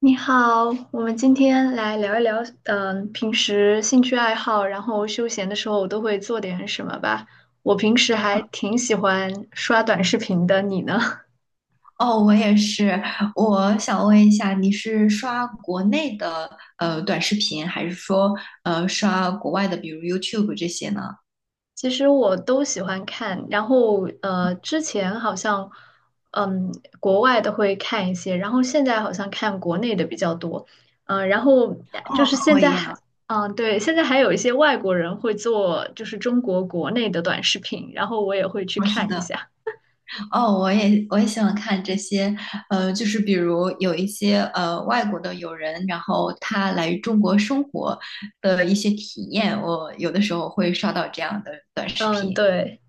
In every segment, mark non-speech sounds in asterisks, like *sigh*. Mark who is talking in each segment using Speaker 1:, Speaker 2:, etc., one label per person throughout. Speaker 1: 你好，我们今天来聊一聊，平时兴趣爱好，然后休闲的时候我都会做点什么吧。我平时还挺喜欢刷短视频的，你呢？
Speaker 2: 哦，我也是。我想问一下，你是刷国内的短视频，还是说刷国外的，比如 YouTube 这些呢？
Speaker 1: *laughs* 其实我都喜欢看，然后之前好像，嗯，国外的会看一些，然后现在好像看国内的比较多，嗯、然后就
Speaker 2: 哦，
Speaker 1: 是
Speaker 2: 和
Speaker 1: 现
Speaker 2: 我
Speaker 1: 在
Speaker 2: 一样。
Speaker 1: 还。嗯，对，现在还有一些外国人会做，就是中国国内的短视频，然后我也会去看一下。
Speaker 2: 哦，我也喜欢看这些，就是比如有一些外国的友人，然后他来中国生活的一些体验，我有的时候会刷到这样的短视
Speaker 1: 嗯，
Speaker 2: 频。
Speaker 1: 对，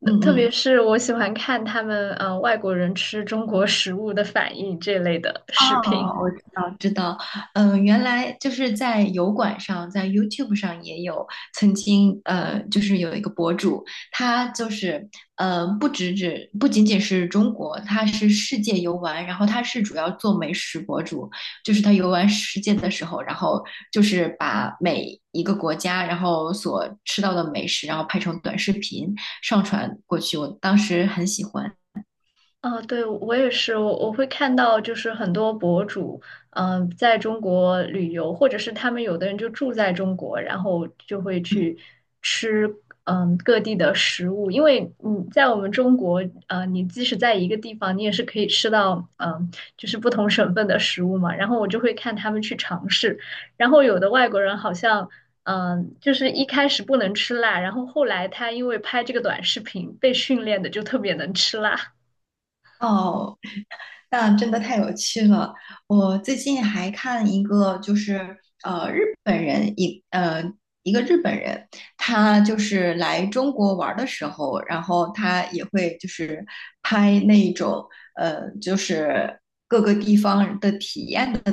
Speaker 1: 那
Speaker 2: 嗯
Speaker 1: 特别
Speaker 2: 嗯。
Speaker 1: 是我喜欢看他们外国人吃中国食物的反应这类的视频。
Speaker 2: 哦，我知道，知道，原来就是在油管上，在 YouTube 上也有曾经，就是有一个博主，他就是，不只只不仅仅是中国，他是世界游玩，然后他是主要做美食博主，就是他游玩世界的时候，然后就是把每一个国家，然后所吃到的美食，然后拍成短视频上传过去，我当时很喜欢。
Speaker 1: 啊，对，我也是，我会看到，就是很多博主，嗯、在中国旅游，或者是他们有的人就住在中国，然后就会
Speaker 2: 嗯，
Speaker 1: 去吃，嗯、各地的食物，因为你在我们中国，呃，你即使在一个地方，你也是可以吃到，嗯、就是不同省份的食物嘛。然后我就会看他们去尝试，然后有的外国人好像。嗯，就是一开始不能吃辣，然后后来他因为拍这个短视频被训练的就特别能吃辣。
Speaker 2: 哦，那真的太有趣了。我最近还看一个，就是日本人一呃一个日本人，他就是来中国玩儿的时候，然后他也会就是拍那种就是各个地方的体验的，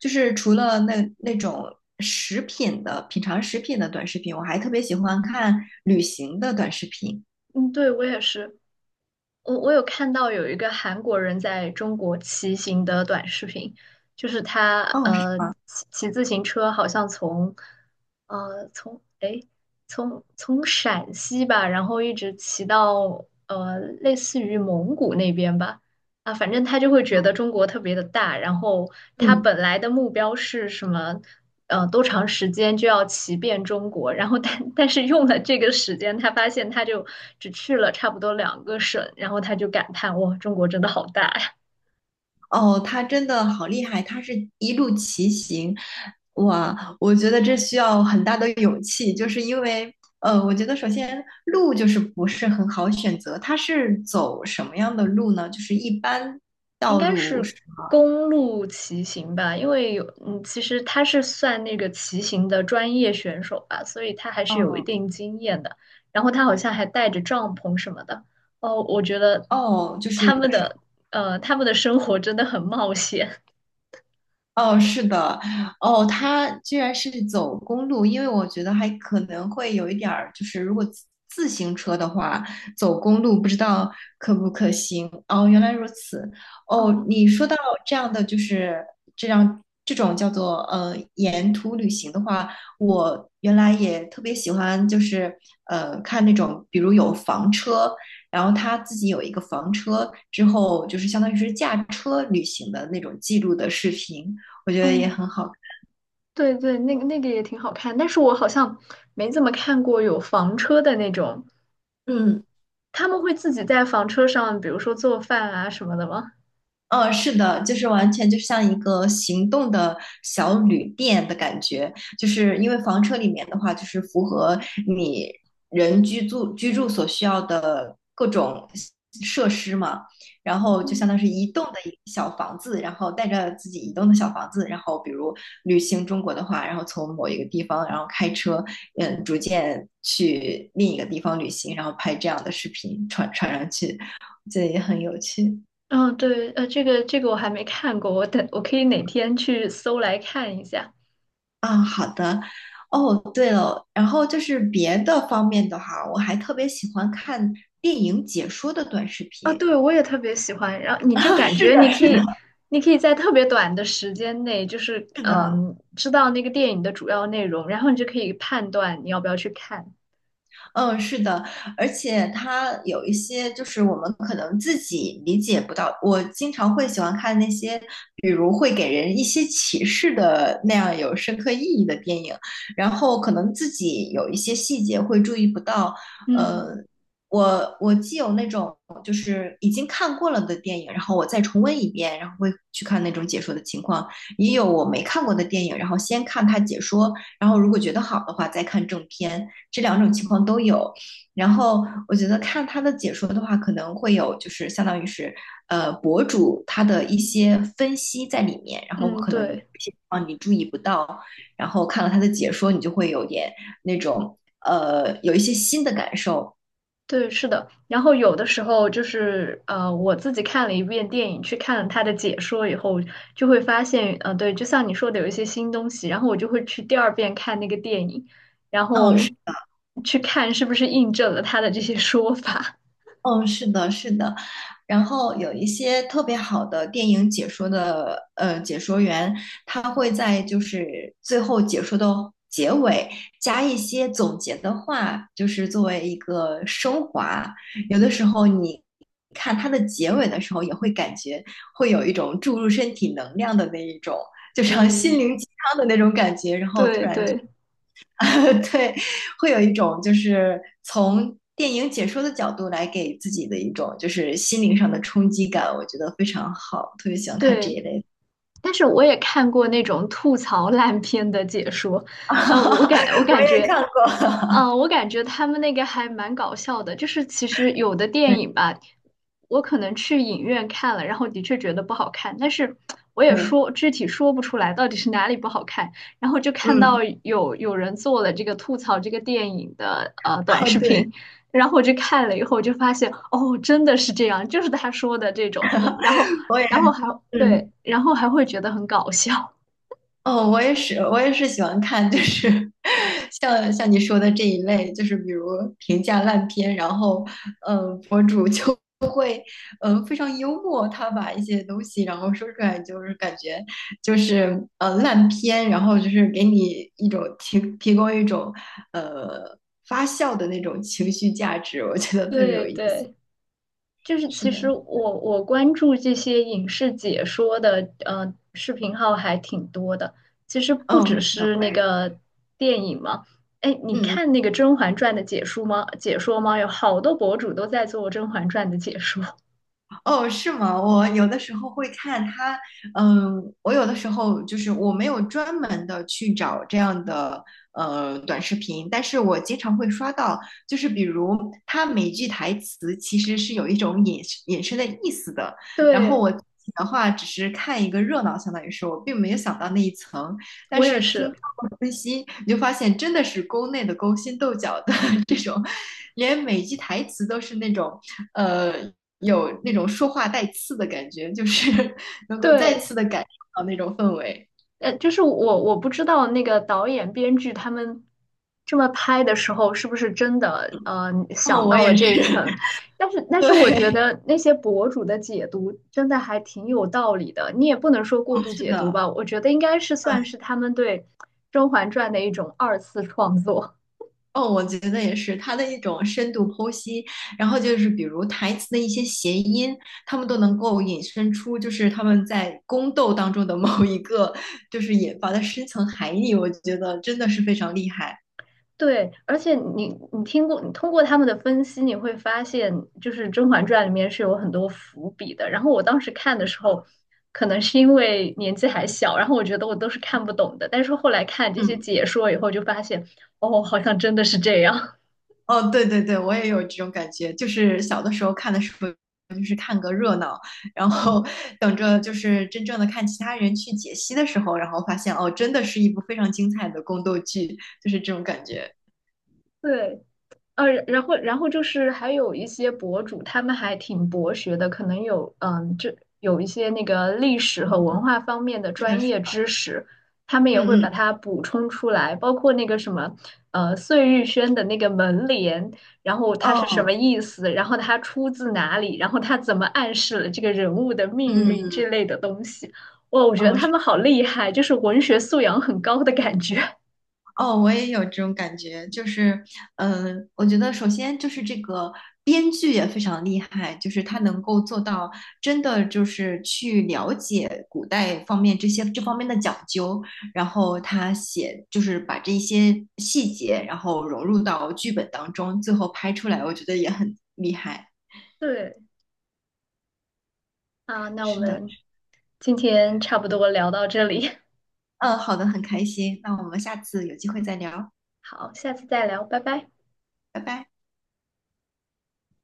Speaker 2: 就是除了那种食品的品尝食品的短视频，我还特别喜欢看旅行的短视频。
Speaker 1: 嗯，对，我也是。我有看到有一个韩国人在中国骑行的短视频，就是他
Speaker 2: 哦，是
Speaker 1: 呃
Speaker 2: 吗？
Speaker 1: 骑自行车，好像从呃从诶从从陕西吧，然后一直骑到类似于蒙古那边吧，啊，反正他就会觉得中国特别的大，然后他
Speaker 2: 嗯。
Speaker 1: 本来的目标是什么？呃，多长时间就要骑遍中国？然后但是用了这个时间，他发现他就只去了差不多两个省，然后他就感叹：哇，中国真的好大呀！
Speaker 2: 哦，他真的好厉害，他是一路骑行，哇，我觉得这需要很大的勇气，就是因为，我觉得首先路就是不是很好选择，他是走什么样的路呢？就是一般
Speaker 1: 应
Speaker 2: 道
Speaker 1: 该
Speaker 2: 路
Speaker 1: 是
Speaker 2: 是吗？
Speaker 1: 公路骑行吧，因为有，嗯，其实他是算那个骑行的专业选手吧，所以他还是有一
Speaker 2: 哦
Speaker 1: 定经验的。然后他好像还带着帐篷什么的。哦，我觉得
Speaker 2: 哦，就是
Speaker 1: 他
Speaker 2: 有的。
Speaker 1: 们的，他们的生活真的很冒险。
Speaker 2: 哦，是的，哦，他居然是走公路，因为我觉得还可能会有一点儿，就是如果自行车的话，走公路不知道可不可行。哦，原来如此。哦，
Speaker 1: 哦，
Speaker 2: 你说到这样的，就是这种叫做沿途旅行的话，我原来也特别喜欢，就是看那种，比如有房车，然后他自己有一个房车，之后就是相当于是驾车旅行的那种记录的视频。我觉得也
Speaker 1: 哦，
Speaker 2: 很好。
Speaker 1: 对对，那个那个也挺好看，但是我好像没怎么看过有房车的那种，
Speaker 2: 嗯，
Speaker 1: 他们会自己在房车上，比如说做饭啊什么的吗？
Speaker 2: 嗯，是的，就是完全就像一个行动的小旅店的感觉，就是因为房车里面的话，就是符合你人居住所需要的各种设施嘛，然后就
Speaker 1: 嗯。
Speaker 2: 相当是移动的一个小房子，然后带着自己移动的小房子，然后比如旅行中国的话，然后从某一个地方，然后开车，逐渐去另一个地方旅行，然后拍这样的视频传上去，*laughs* 这也很有趣。
Speaker 1: 嗯，对，呃，这个这个我还没看过，我等我可以哪天去搜来看一下。
Speaker 2: 啊，好的。哦，对了，然后就是别的方面的话，我还特别喜欢看电影解说的短视
Speaker 1: 啊，
Speaker 2: 频。
Speaker 1: 对，我也特别喜欢。然后
Speaker 2: *laughs*
Speaker 1: 你就
Speaker 2: 啊，
Speaker 1: 感
Speaker 2: 是
Speaker 1: 觉
Speaker 2: 的，
Speaker 1: 你可
Speaker 2: 是的，
Speaker 1: 以，你可以在特别短的时间内，就是
Speaker 2: 是的。
Speaker 1: 嗯，知道那个电影的主要内容，然后你就可以判断你要不要去看。
Speaker 2: 嗯，是的，而且它有一些就是我们可能自己理解不到。我经常会喜欢看那些，比如会给人一些启示的那样有深刻意义的电影，然后可能自己有一些细节会注意不到。呃，
Speaker 1: 嗯
Speaker 2: 我既有那种就是已经看过了的电影，然后我再重温一遍，然后会去看那种解说的情况，也有我没看过的电影，然后先看它解说，然后如果觉得好的话再看正片。这两种情况都有。然后我觉得看他的解说的话，可能会有就是相当于是博主他的一些分析在里面，然后
Speaker 1: 嗯，
Speaker 2: 可能有
Speaker 1: 对。
Speaker 2: 些地方你注意不到，然后看了他的解说，你就会有点那种有一些新的感受。
Speaker 1: 对，是的。然后有的时候就是我自己看了一遍电影，去看了他的解说以后，就会发现，呃，对，就像你说的，有一些新东西。然后我就会去第二遍看那个电影，然
Speaker 2: 嗯，
Speaker 1: 后去看是不是印证了他的这些说法。
Speaker 2: 是的，是的，然后有一些特别好的电影解说的解说员，他会在就是最后解说的结尾加一些总结的话，就是作为一个升华。有的时候你看它的结尾的时候，也会感觉会有一种注入身体能量的那一种，就
Speaker 1: *laughs*
Speaker 2: 像心
Speaker 1: 嗯，
Speaker 2: 灵鸡汤的那种感觉，然后突
Speaker 1: 对
Speaker 2: 然就。
Speaker 1: 对
Speaker 2: *laughs* 对，会有一种就是从电影解说的角度来给自己的一种就是心灵上的冲击感，我觉得非常好，特别喜欢看这
Speaker 1: 对。
Speaker 2: 一类的。
Speaker 1: 但是我也看过那种吐槽烂片的解说，
Speaker 2: *laughs*
Speaker 1: 呃，我感我
Speaker 2: 我
Speaker 1: 感
Speaker 2: 也
Speaker 1: 觉
Speaker 2: 看过，
Speaker 1: 嗯，我感觉他们那个还蛮搞笑的，就是其实有的
Speaker 2: *laughs*
Speaker 1: 电
Speaker 2: 对
Speaker 1: 影吧，我可能去影院看了，然后的确觉得不好看，但是我也
Speaker 2: 对，
Speaker 1: 说具体说不出来到底是哪里不好看，然后就看到
Speaker 2: 嗯，
Speaker 1: 有人做了这个吐槽这个电影的短
Speaker 2: 哦
Speaker 1: 视
Speaker 2: 对，
Speaker 1: 频，然后我就看了以后就发现哦，真的是这样，就是他说的这种，然后
Speaker 2: 我也
Speaker 1: 然后还对，
Speaker 2: 嗯。
Speaker 1: 然后还会觉得很搞笑，
Speaker 2: 哦，我也是，我也是喜欢看，就是 *laughs* 像你说的这一类，就是比如评价烂片，然后，博主就非常幽默，他把一些东西然后说出来，就是感觉就是烂片，然后就是给你一种提供一种呃发笑的那种情绪价值，我觉得特别
Speaker 1: 对
Speaker 2: 有意思。
Speaker 1: 对。就是
Speaker 2: 是
Speaker 1: 其实
Speaker 2: 的，
Speaker 1: 我关注这些影视解说的视频号还挺多的，其实不
Speaker 2: 嗯，
Speaker 1: 只
Speaker 2: 是的，
Speaker 1: 是
Speaker 2: 我
Speaker 1: 那
Speaker 2: 也
Speaker 1: 个电影嘛。哎，你
Speaker 2: 嗯嗯。
Speaker 1: 看那个《甄嬛传》的解说吗？解说吗？有好多博主都在做《甄嬛传》的解说。
Speaker 2: 哦，是吗？我有的时候会看他，我有的时候就是我没有专门的去找这样的短视频，但是我经常会刷到，就是比如他每句台词其实是有一种隐身的意思的，
Speaker 1: *laughs*
Speaker 2: 然后
Speaker 1: 对，
Speaker 2: 我，自己的话只是看一个热闹，相当于是我并没有想到那一层，但
Speaker 1: 我也
Speaker 2: 是听
Speaker 1: 是。
Speaker 2: 他们分析，你就发现真的是宫内的勾心斗角的 *laughs* 这种，连每句台词都是那种，呃有那种说话带刺的感觉，就是 *laughs* 能够再
Speaker 1: 对。
Speaker 2: 次的感受到那种氛围。
Speaker 1: 就是我不知道那个导演、编剧他们这么拍的时候，是不是真的
Speaker 2: 哦，
Speaker 1: 想
Speaker 2: 我
Speaker 1: 到
Speaker 2: 也
Speaker 1: 了这一
Speaker 2: 是，
Speaker 1: 层？但是
Speaker 2: *laughs*
Speaker 1: 但是我觉
Speaker 2: 对，
Speaker 1: 得那些博主的解读真的还挺有道理的，你也不能说过
Speaker 2: 哦，
Speaker 1: 度
Speaker 2: 是
Speaker 1: 解读
Speaker 2: 的，
Speaker 1: 吧，我觉得应该是
Speaker 2: 对，
Speaker 1: 算是他们对《甄嬛传》的一种二次创作。
Speaker 2: 哦，我觉得也是，他的一种深度剖析，然后就是比如台词的一些谐音，他们都能够引申出，就是他们在宫斗当中的某一个，就是引发的深层含义，我觉得真的是非常厉害。
Speaker 1: 对，而且你听过，你通过他们的分析，你会发现，就是《甄嬛传》里面是有很多伏笔的。然后我当时看的时候，可能是因为年纪还小，然后我觉得我都是看不懂的。但是后来看这些
Speaker 2: 嗯。
Speaker 1: 解说以后，就发现，哦，好像真的是这样。
Speaker 2: 哦，对对对，我也有这种感觉，就是小的时候看的时候，就是看个热闹，然后 *laughs* 等着就是真正的看其他人去解析的时候，然后发现哦，真的是一部非常精彩的宫斗剧，就是这种感觉。
Speaker 1: *laughs* 对。然后就是还有一些博主，他们还挺博学的，可能有嗯，这有一些那个历史和文化方面的
Speaker 2: 是的，
Speaker 1: 专
Speaker 2: 是
Speaker 1: 业知识，他们也会
Speaker 2: 嗯
Speaker 1: 把
Speaker 2: 嗯，
Speaker 1: 它补充出来，包括那个什么碎玉轩的那个门帘，然后它是什么
Speaker 2: 哦，
Speaker 1: 意思，然后它出自哪里，然后它怎么暗示了这个人物的命
Speaker 2: 嗯
Speaker 1: 运
Speaker 2: 嗯，
Speaker 1: 之类的东西。哇，我觉得
Speaker 2: 哦，嗯
Speaker 1: 他
Speaker 2: 嗯
Speaker 1: 们好厉害，就是文学素养很高的感觉。*laughs*
Speaker 2: 哦，我也有这种感觉，就是，我觉得首先就是这个编剧也非常厉害，就是他能够做到真的就是去了解古代方面这方面的讲究，然后就是把这一些细节，然后融入到剧本当中，最后拍出来，我觉得也很厉害。
Speaker 1: 对啊，那我
Speaker 2: 是的，
Speaker 1: 们今天差不多聊到这里，
Speaker 2: 嗯，好的，很开心，那我们下次有机会再聊，
Speaker 1: *laughs* 好，下次再聊，拜拜。
Speaker 2: 拜拜。